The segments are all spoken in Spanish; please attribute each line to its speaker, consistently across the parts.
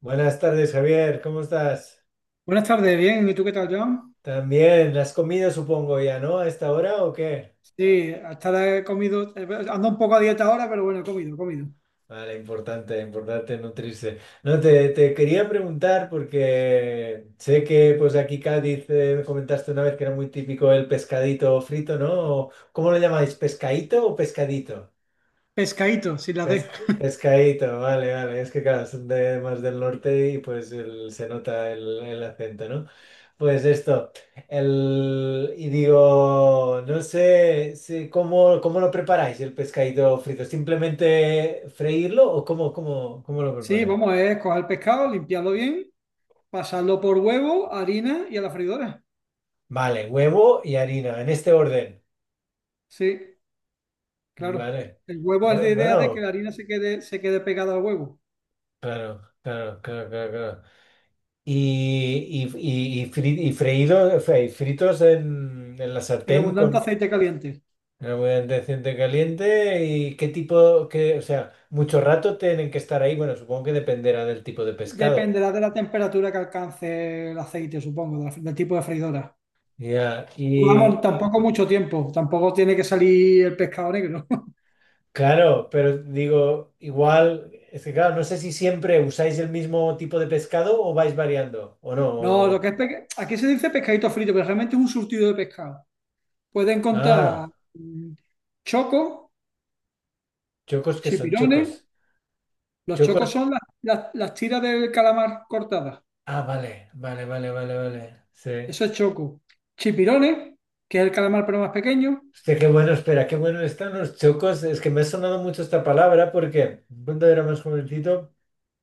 Speaker 1: Buenas tardes, Javier, ¿cómo estás?
Speaker 2: Buenas tardes, bien. ¿Y tú qué tal, John?
Speaker 1: También, ¿has comido, supongo, ya, ¿no? ¿A esta hora o qué?
Speaker 2: Sí, hasta he comido, ando un poco a dieta ahora, pero bueno, he comido.
Speaker 1: Vale, importante, importante nutrirse. No, te quería preguntar porque sé que pues aquí Cádiz me comentaste una vez que era muy típico el pescadito frito, ¿no? ¿O ¿Cómo lo llamáis? ¿Pescadito o pescadito?
Speaker 2: Pescadito, sin la D.
Speaker 1: Pescadito, vale, vale. Es que claro, son de más del norte y pues se nota el acento, ¿no? Pues esto, el, y digo, no sé si- cómo, cómo lo preparáis el pescadito frito, ¿simplemente freírlo o cómo lo
Speaker 2: Sí,
Speaker 1: preparáis?
Speaker 2: vamos, es coger el pescado, limpiarlo bien, pasarlo por huevo, harina y a la freidora.
Speaker 1: Vale, huevo y harina, en este orden.
Speaker 2: Sí, claro.
Speaker 1: Vale.
Speaker 2: El huevo es la idea de que la
Speaker 1: Bueno,
Speaker 2: harina se quede pegada al huevo,
Speaker 1: claro, claro, claro, claro, claro. Fritos en la
Speaker 2: en
Speaker 1: sartén
Speaker 2: abundante
Speaker 1: con
Speaker 2: aceite caliente.
Speaker 1: en abundante aceite caliente y qué tipo, que o sea, mucho rato tienen que estar ahí, bueno, supongo que dependerá del tipo de pescado.
Speaker 2: Dependerá de la temperatura que alcance el aceite, supongo, del tipo de freidora.
Speaker 1: Ya,
Speaker 2: Vamos,
Speaker 1: y
Speaker 2: tampoco mucho tiempo, tampoco tiene que salir el pescado negro.
Speaker 1: claro, pero digo, igual, es que claro, no sé si siempre usáis el mismo tipo de pescado o vais variando, o no.
Speaker 2: No, lo
Speaker 1: o-
Speaker 2: que es pesca- aquí se dice pescadito frito, pero realmente es un surtido de pescado. Puedes encontrar
Speaker 1: ah,
Speaker 2: mm, chocos,
Speaker 1: chocos que son
Speaker 2: chipirones.
Speaker 1: chocos.
Speaker 2: Los chocos
Speaker 1: Chocos,
Speaker 2: son las tiras del calamar cortadas.
Speaker 1: ah, vale, vale, vale, vale, vale, sí.
Speaker 2: Eso es choco. Chipirones, que es el calamar pero más pequeño.
Speaker 1: Hostia, qué bueno, espera, qué bueno están los chocos. Es que me ha sonado mucho esta palabra porque cuando era más jovencito.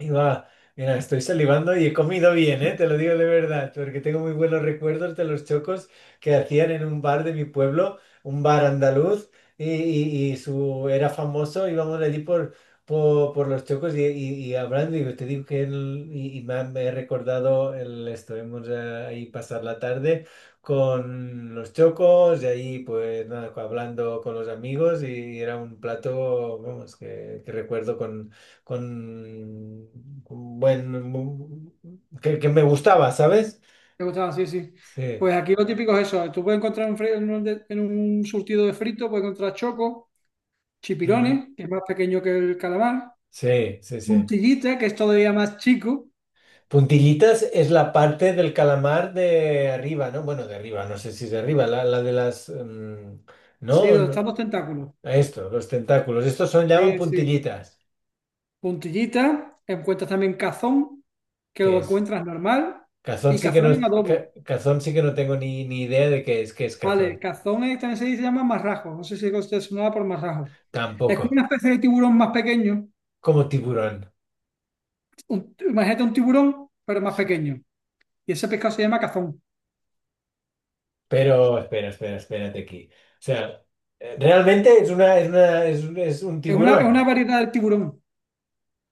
Speaker 1: Y va, mira, estoy salivando y he comido bien, ¿eh? Te lo digo de verdad, porque tengo muy buenos recuerdos de los chocos que hacían en un bar de mi pueblo, un bar andaluz, su, era famoso, íbamos allí por los chocos y hablando, y te digo que me he recordado, el, estuvimos ahí pasar la tarde con los chocos, y ahí pues nada, hablando con los amigos, y era un plato, vamos, que recuerdo con, con buen, que me gustaba, ¿sabes?
Speaker 2: Me gustaba, sí, sí.
Speaker 1: Sí,
Speaker 2: Pues aquí lo típico es eso. Tú puedes encontrar en, fri- en un, de- en un surtido de frito, puedes encontrar choco,
Speaker 1: mm,
Speaker 2: chipirones, que es más pequeño que el calamar.
Speaker 1: sí, sí, sí.
Speaker 2: Puntillita, que es todavía más chico.
Speaker 1: Puntillitas es la parte del calamar de arriba, ¿no? Bueno, de arriba, no sé si es de arriba, la de las mm,
Speaker 2: Sí,
Speaker 1: no,
Speaker 2: donde
Speaker 1: no,
Speaker 2: están los tentáculos.
Speaker 1: esto, los tentáculos, estos son, llaman
Speaker 2: Sí, sí.
Speaker 1: puntillitas,
Speaker 2: Puntillita, encuentras también cazón, que
Speaker 1: ¿qué
Speaker 2: lo
Speaker 1: es?
Speaker 2: encuentras normal,
Speaker 1: Cazón
Speaker 2: y
Speaker 1: sí que no,
Speaker 2: cazón en adobo.
Speaker 1: cazón sí que no tengo ni idea de qué es
Speaker 2: Vale,
Speaker 1: cazón,
Speaker 2: cazón es- también se dice- se llama marrajo, no sé si usted sonaba por marrajo. Es como una
Speaker 1: tampoco,
Speaker 2: especie de tiburón más pequeño,
Speaker 1: como tiburón.
Speaker 2: imagínate un tiburón, pero más
Speaker 1: Sí.
Speaker 2: pequeño, y ese pescado se llama cazón.
Speaker 1: Pero espera, espera, espérate aquí. O sea, realmente es un
Speaker 2: Es una
Speaker 1: tiburón.
Speaker 2: variedad del tiburón.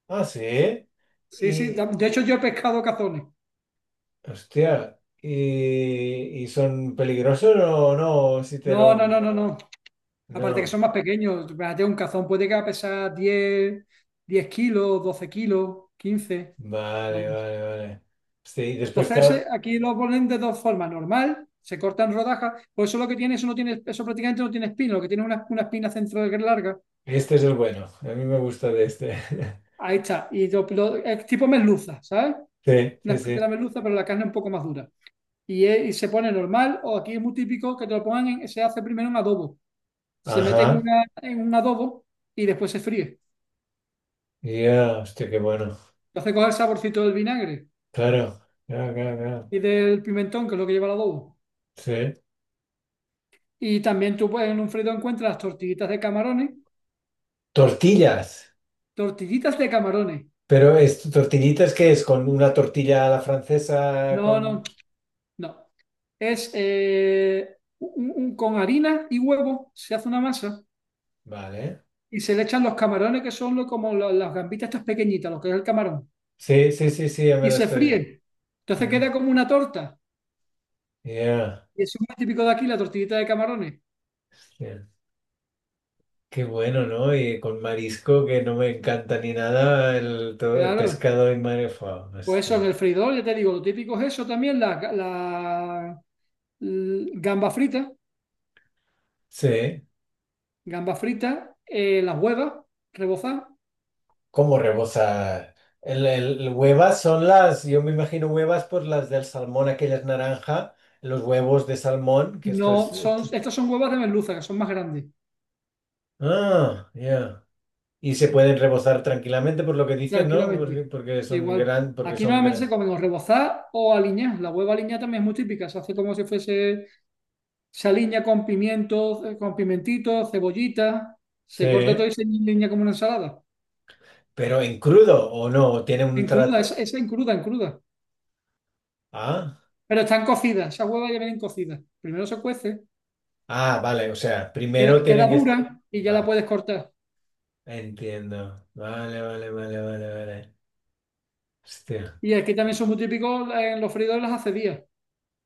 Speaker 1: Ah, sí.
Speaker 2: Sí, sí,
Speaker 1: Y,
Speaker 2: de hecho yo he pescado cazones.
Speaker 1: hostia, y son peligrosos o no, si te
Speaker 2: No, no,
Speaker 1: lo...
Speaker 2: no, no, no. Aparte que
Speaker 1: No.
Speaker 2: son más pequeños, imagínate un cazón puede que pesar 10 10 kilos, 12 kilos, 15 no
Speaker 1: Vale,
Speaker 2: más.
Speaker 1: vale, vale. Sí, y después,
Speaker 2: Entonces,
Speaker 1: claro,
Speaker 2: aquí lo ponen de dos formas. Normal, se cortan rodajas. Pues eso lo que tiene, eso no tiene, eso prácticamente no tiene espina, lo que tiene es una espina central larga.
Speaker 1: este es el bueno. A mí me gusta de este.
Speaker 2: Ahí está. Y es tipo merluza, ¿sabes?
Speaker 1: Sí,
Speaker 2: Una
Speaker 1: sí,
Speaker 2: especie de la
Speaker 1: sí.
Speaker 2: merluza, pero la carne un poco más dura. Y, y se pone normal, o aquí es muy típico que te lo pongan se hace primero un adobo. Se mete
Speaker 1: Ajá.
Speaker 2: en un adobo y después se fríe.
Speaker 1: Ya, hostia, qué bueno.
Speaker 2: Entonces coge el saborcito del vinagre
Speaker 1: Claro, claro, claro, claro.
Speaker 2: y del pimentón, que es lo que lleva el adobo.
Speaker 1: Sí.
Speaker 2: Y también tú pues, en un frito encuentras tortillitas de camarones,
Speaker 1: Tortillas.
Speaker 2: tortillitas de camarones.
Speaker 1: Pero es tortillitas que es con una tortilla a la francesa
Speaker 2: No, no,
Speaker 1: con...
Speaker 2: no. Es con harina y huevo se hace una masa
Speaker 1: Vale.
Speaker 2: y se le echan los camarones, que son las gambitas estas pequeñitas, lo que es el camarón,
Speaker 1: Sí, sí, sí, sí, ya me
Speaker 2: y
Speaker 1: lo
Speaker 2: se
Speaker 1: estoy...
Speaker 2: fríe. Entonces
Speaker 1: Mm,
Speaker 2: queda como una torta.
Speaker 1: yeah,
Speaker 2: Y eso es muy típico de aquí, la tortillita de camarones.
Speaker 1: yeah. Qué bueno, ¿no? Y con marisco que no me encanta ni nada, el, todo el
Speaker 2: Claro.
Speaker 1: pescado en marefa.
Speaker 2: Pues eso en
Speaker 1: Hostia.
Speaker 2: el freidor, ya te digo, lo típico es eso también, la, ga- la- l-
Speaker 1: Sí.
Speaker 2: gamba frita, las huevas rebozadas.
Speaker 1: ¿Cómo rebosa? Huevas son las, yo me imagino huevas, pues las del salmón, aquellas naranja, los huevos de salmón, que esto
Speaker 2: No,
Speaker 1: es...
Speaker 2: son, estas son huevas de merluza, que son más grandes.
Speaker 1: Ah, ya. Y se pueden rebozar tranquilamente por lo que dices, ¿no?
Speaker 2: Tranquilamente.
Speaker 1: Porque son
Speaker 2: Igual.
Speaker 1: gran, porque
Speaker 2: Aquí
Speaker 1: son
Speaker 2: normalmente se
Speaker 1: gran.
Speaker 2: comen o rebozar o aliñar. La hueva aliñada también es muy típica. Se hace como si fuese, se aliña con pimientos, con pimentitos, cebollita. Se corta todo
Speaker 1: Sí,
Speaker 2: y se aliña como una ensalada.
Speaker 1: pero en crudo o no, tiene un
Speaker 2: En cruda,
Speaker 1: trato.
Speaker 2: esa en cruda, en cruda.
Speaker 1: Ah,
Speaker 2: Pero están cocidas, esas huevas ya vienen cocidas. Primero se cuece,
Speaker 1: ah, vale, o sea, primero
Speaker 2: queda
Speaker 1: tienen que.
Speaker 2: dura y ya la
Speaker 1: Vale,
Speaker 2: puedes cortar.
Speaker 1: entiendo. Vale, vale, vale, vale, vale. Hostia.
Speaker 2: Y aquí también son muy típicos en los freidores las acedías.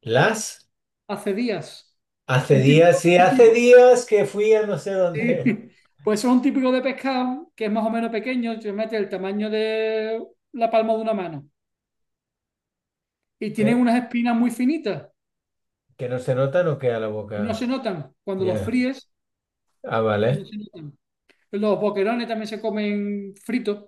Speaker 1: Las
Speaker 2: Acedías.
Speaker 1: hace
Speaker 2: Un
Speaker 1: días,
Speaker 2: típico,
Speaker 1: sí,
Speaker 2: un
Speaker 1: hace
Speaker 2: tipo,
Speaker 1: días que fui a no sé
Speaker 2: sí,
Speaker 1: dónde.
Speaker 2: pues son típicos de pescado que es más o menos pequeño, se mete el tamaño de la palma de una mano y tienen
Speaker 1: Pe-
Speaker 2: unas espinas muy finitas,
Speaker 1: que no se nota, no queda la
Speaker 2: no se
Speaker 1: boca.
Speaker 2: notan. Cuando los
Speaker 1: Ya.
Speaker 2: fríes,
Speaker 1: Ah,
Speaker 2: no
Speaker 1: vale.
Speaker 2: se notan. Los boquerones también se comen fritos,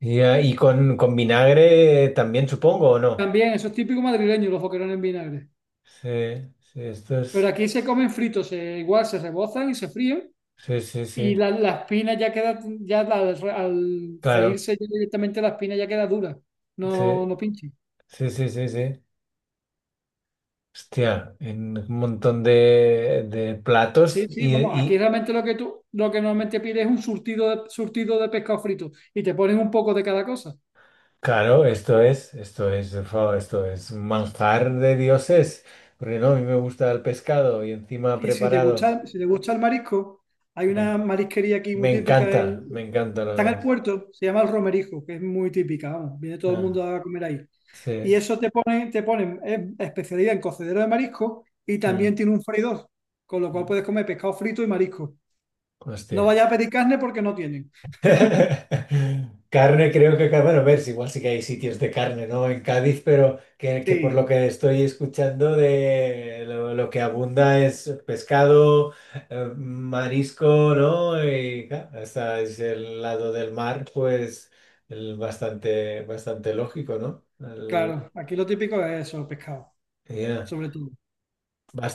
Speaker 1: Ya, y con vinagre también, supongo, ¿o no?
Speaker 2: también, eso es típico madrileño, los boquerones en vinagre.
Speaker 1: Sí, sí, esto es.
Speaker 2: Pero aquí se comen fritos, igual se rebozan y se fríen
Speaker 1: Sí, sí, sí,
Speaker 2: y la espina ya queda, al
Speaker 1: claro.
Speaker 2: freírse ya directamente la espina ya queda dura,
Speaker 1: Sí,
Speaker 2: no, no pinche.
Speaker 1: sí, sí, sí, sí. Hostia, en un montón de platos
Speaker 2: Sí, sí, vamos, aquí
Speaker 1: y,
Speaker 2: realmente lo que normalmente pides es un surtido de pescado frito y te ponen un poco de cada cosa.
Speaker 1: claro, esto es, esto es un manjar de dioses, porque no, a mí me gusta el pescado y encima
Speaker 2: Y
Speaker 1: preparado.
Speaker 2: si te gusta el marisco, hay
Speaker 1: Me, en-
Speaker 2: una marisquería aquí muy
Speaker 1: Me
Speaker 2: típica
Speaker 1: encanta, me encanta la
Speaker 2: está en el
Speaker 1: nariz.
Speaker 2: puerto, se llama el Romerijo, que es muy típica, vamos, viene todo el mundo
Speaker 1: Ah,
Speaker 2: a comer ahí. Y
Speaker 1: sí.
Speaker 2: eso te ponen especialidad en cocedero de marisco y también
Speaker 1: Mm,
Speaker 2: tiene un freidor, con lo cual
Speaker 1: mm.
Speaker 2: puedes comer pescado frito y marisco. No
Speaker 1: Hostia.
Speaker 2: vayas a pedir carne porque no tienen.
Speaker 1: Carne, creo que, ca- bueno, a ver, si igual sí que hay sitios de carne, ¿no? En Cádiz, pero que por lo
Speaker 2: Sí,
Speaker 1: que estoy escuchando de lo que abunda es pescado, marisco, ¿no? Y claro, hasta es el lado del mar, pues el bastante, bastante lógico, ¿no? El-
Speaker 2: claro, aquí lo típico es eso, pescado,
Speaker 1: ya.
Speaker 2: sobre todo.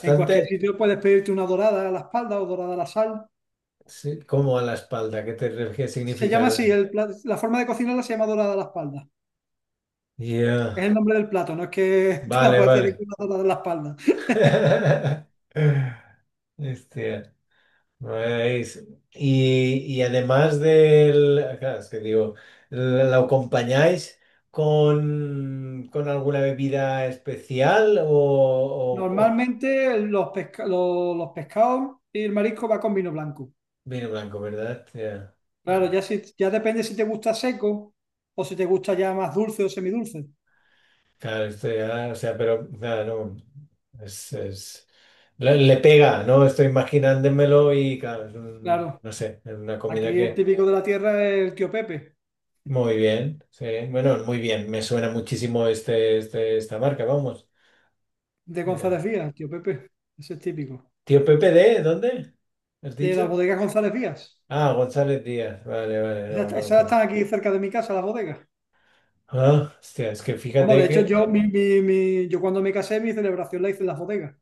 Speaker 2: En cualquier sitio puedes pedirte una dorada a la espalda o dorada a la sal.
Speaker 1: sí, como a la espalda, ¿qué te refieres?
Speaker 2: Se llama así,
Speaker 1: Significa.
Speaker 2: la forma de cocinarla se llama dorada a la espalda. Es
Speaker 1: Ya,
Speaker 2: el nombre del plato, no es que te la
Speaker 1: vale,
Speaker 2: puedes pedir
Speaker 1: vale.
Speaker 2: con una dorada a la espalda.
Speaker 1: Hostia, nice. Y además del... Claro, es que digo, ¿lo acompañáis con alguna bebida especial o
Speaker 2: Normalmente los pescados y el marisco va con vino blanco.
Speaker 1: vino blanco, ¿verdad? Ya,
Speaker 2: Claro,
Speaker 1: ya.
Speaker 2: ya, si, ya depende si te gusta seco o si te gusta ya más dulce o semidulce.
Speaker 1: Claro, esto ya, o sea, pero claro, no, es- le pega, ¿no? Estoy imaginándomelo y claro, es un-
Speaker 2: Claro,
Speaker 1: no sé, es una comida.
Speaker 2: aquí el típico de la tierra es el Tío Pepe,
Speaker 1: Muy bien, sí. Bueno, muy bien. Me suena muchísimo esta marca, vamos.
Speaker 2: de
Speaker 1: Eh,
Speaker 2: González Vías, el Tío Pepe, ese es típico.
Speaker 1: Tío Pepe de, ¿dónde? ¿Has
Speaker 2: De las
Speaker 1: dicho?
Speaker 2: bodegas González Vías.
Speaker 1: Ah, González Díaz. Vale, vale, no,
Speaker 2: Esas
Speaker 1: no. lo
Speaker 2: esas
Speaker 1: con-
Speaker 2: están aquí cerca de mi casa, las bodegas.
Speaker 1: Ah, hostia, es que
Speaker 2: Vamos,
Speaker 1: fíjate
Speaker 2: de hecho,
Speaker 1: que,
Speaker 2: yo cuando me casé, mi celebración la hice en las bodegas.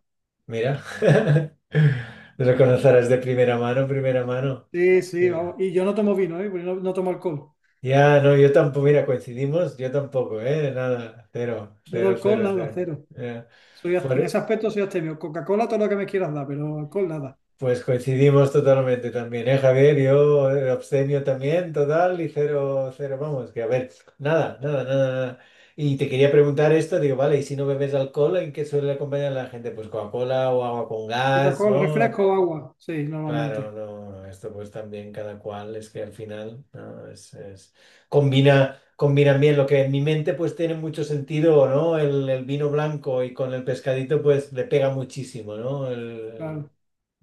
Speaker 1: mira, lo conocerás de primera mano, primera mano.
Speaker 2: Sí, sí, vamos.
Speaker 1: Ya,
Speaker 2: Y yo no tomo vino, ¿eh? Porque no, no tomo alcohol.
Speaker 1: ya, no, yo tampoco, mira, coincidimos, yo tampoco, ¿eh? Nada, cero,
Speaker 2: Yo de
Speaker 1: cero,
Speaker 2: alcohol,
Speaker 1: cero,
Speaker 2: nada,
Speaker 1: cero.
Speaker 2: cero.
Speaker 1: Ya.
Speaker 2: Soy, en
Speaker 1: Por-
Speaker 2: ese aspecto soy abstemio. Coca-Cola, todo lo que me quieras dar, pero alcohol, nada.
Speaker 1: Pues coincidimos totalmente también, ¿eh, Javier? Yo abstemio también, total, y cero, cero, vamos, que a ver, nada, nada, nada, nada. Y te quería preguntar esto, digo, vale, y si no bebes alcohol, ¿en qué suele acompañar la gente? Pues Coca-Cola o agua con gas,
Speaker 2: Coca-Cola,
Speaker 1: ¿no?
Speaker 2: refresco, agua. Sí,
Speaker 1: Claro,
Speaker 2: normalmente.
Speaker 1: no, no, esto pues también cada cual, es que al final, ¿no? Es- combina, combina bien lo que en mi mente pues tiene mucho sentido, ¿no? El vino blanco y con el pescadito pues le pega muchísimo, ¿no?
Speaker 2: Claro.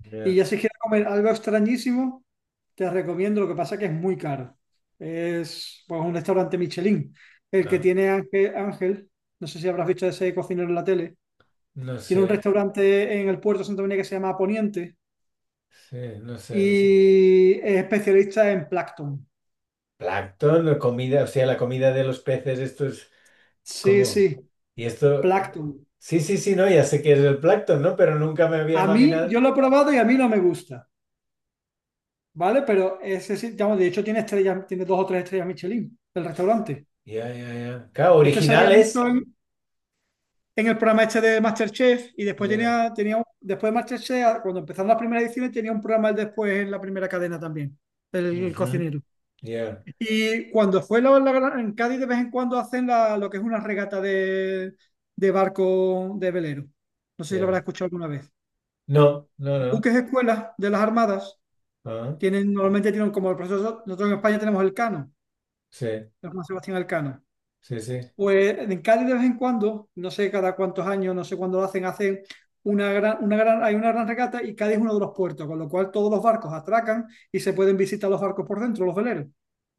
Speaker 1: El-
Speaker 2: Y
Speaker 1: ya.
Speaker 2: ya si quieres comer algo extrañísimo, te recomiendo, lo que pasa que es muy caro. Es pues, un restaurante Michelin. El que
Speaker 1: Ah.
Speaker 2: tiene Ángel, Ángel, no sé si habrás visto ese cocinero en la tele.
Speaker 1: No
Speaker 2: Tiene
Speaker 1: sé,
Speaker 2: un restaurante en el Puerto de Santa María que se llama Poniente
Speaker 1: sí, no sé, no sé.
Speaker 2: y es especialista en plancton.
Speaker 1: Plancton, la comida, o sea, la comida de los peces, esto es
Speaker 2: Sí,
Speaker 1: como...
Speaker 2: sí,
Speaker 1: Y esto...
Speaker 2: plancton.
Speaker 1: Sí, sí, sí, no, ya sé que es el plancton, ¿no? Pero nunca me había
Speaker 2: A mí,
Speaker 1: imaginado.
Speaker 2: yo lo he probado y a mí no me gusta, ¿vale? Pero ese sí, digamos, de hecho tiene estrellas, tiene dos o tres estrellas Michelin, el restaurante.
Speaker 1: Ya, ya, ya. Claro,
Speaker 2: Este salía mucho
Speaker 1: originales.
Speaker 2: en el programa este de MasterChef y después
Speaker 1: Ya.
Speaker 2: después de MasterChef, cuando empezaron las primeras ediciones, tenía un programa el después en la primera cadena también, el
Speaker 1: Ujú,
Speaker 2: cocinero.
Speaker 1: ya,
Speaker 2: Y cuando fue en Cádiz de vez en cuando hacen la, lo que es una regata de barco de velero. No sé si lo habrás
Speaker 1: ya.
Speaker 2: escuchado alguna vez.
Speaker 1: No, no, no.
Speaker 2: Buques escuelas de las armadas
Speaker 1: Ah,
Speaker 2: tienen, normalmente tienen como el proceso, nosotros en España tenemos el Cano,
Speaker 1: sí,
Speaker 2: el Juan Sebastián Elcano.
Speaker 1: sí, sí.
Speaker 2: Pues en Cádiz de vez en cuando, no sé cada cuántos años, no sé cuándo lo hacen, hacen hay una gran regata y Cádiz es uno de los puertos, con lo cual todos los barcos atracan y se pueden visitar los barcos por dentro, los veleros.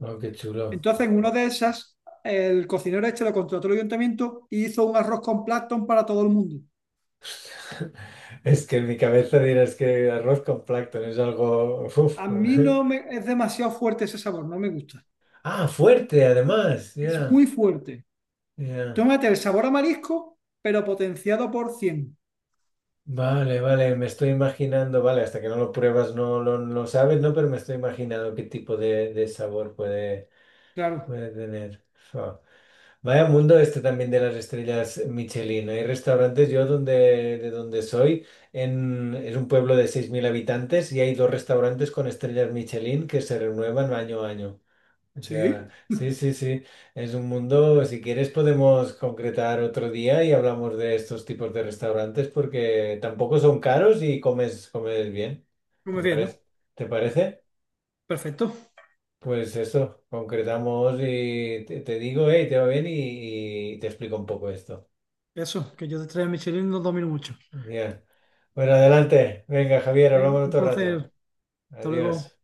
Speaker 1: Oh, qué chulo.
Speaker 2: Entonces, en una de esas, el cocinero este lo contrató el ayuntamiento y hizo un arroz con plancton para todo el mundo.
Speaker 1: Es que en mi cabeza dirás que arroz con plancton es algo... uf.
Speaker 2: A mí no me, es demasiado fuerte ese sabor, no me gusta.
Speaker 1: Ah, fuerte, además.
Speaker 2: Es
Speaker 1: Ya,
Speaker 2: muy fuerte. Tú
Speaker 1: ya.
Speaker 2: tómate el sabor a marisco, pero potenciado por 100.
Speaker 1: Vale, vale, me estoy imaginando, vale, hasta que no lo pruebas no lo no sabes, ¿no? Pero me estoy imaginando qué tipo de sabor puede,
Speaker 2: Claro,
Speaker 1: puede tener. Fua. Vaya mundo este también de las estrellas Michelin. Hay restaurantes, yo donde, de donde soy, en, es un pueblo de 6.000 habitantes y hay dos restaurantes con estrellas Michelin que se renuevan año a año. O sea,
Speaker 2: sí,
Speaker 1: sí, sí, sí, es un mundo, si quieres podemos concretar otro día y hablamos de estos tipos de restaurantes porque tampoco son caros y comes bien.
Speaker 2: muy
Speaker 1: ¿Te
Speaker 2: bien, ¿no?
Speaker 1: parece? ¿Te parece?
Speaker 2: Perfecto.
Speaker 1: Pues eso, concretamos te digo, hey, te va bien y te explico un poco esto.
Speaker 2: Eso, que yo te traiga Michelin no domino mucho.
Speaker 1: Bien. Bueno, adelante. Venga, Javier,
Speaker 2: Venga,
Speaker 1: hablamos
Speaker 2: un
Speaker 1: otro rato.
Speaker 2: placer. Hasta luego.
Speaker 1: Adiós.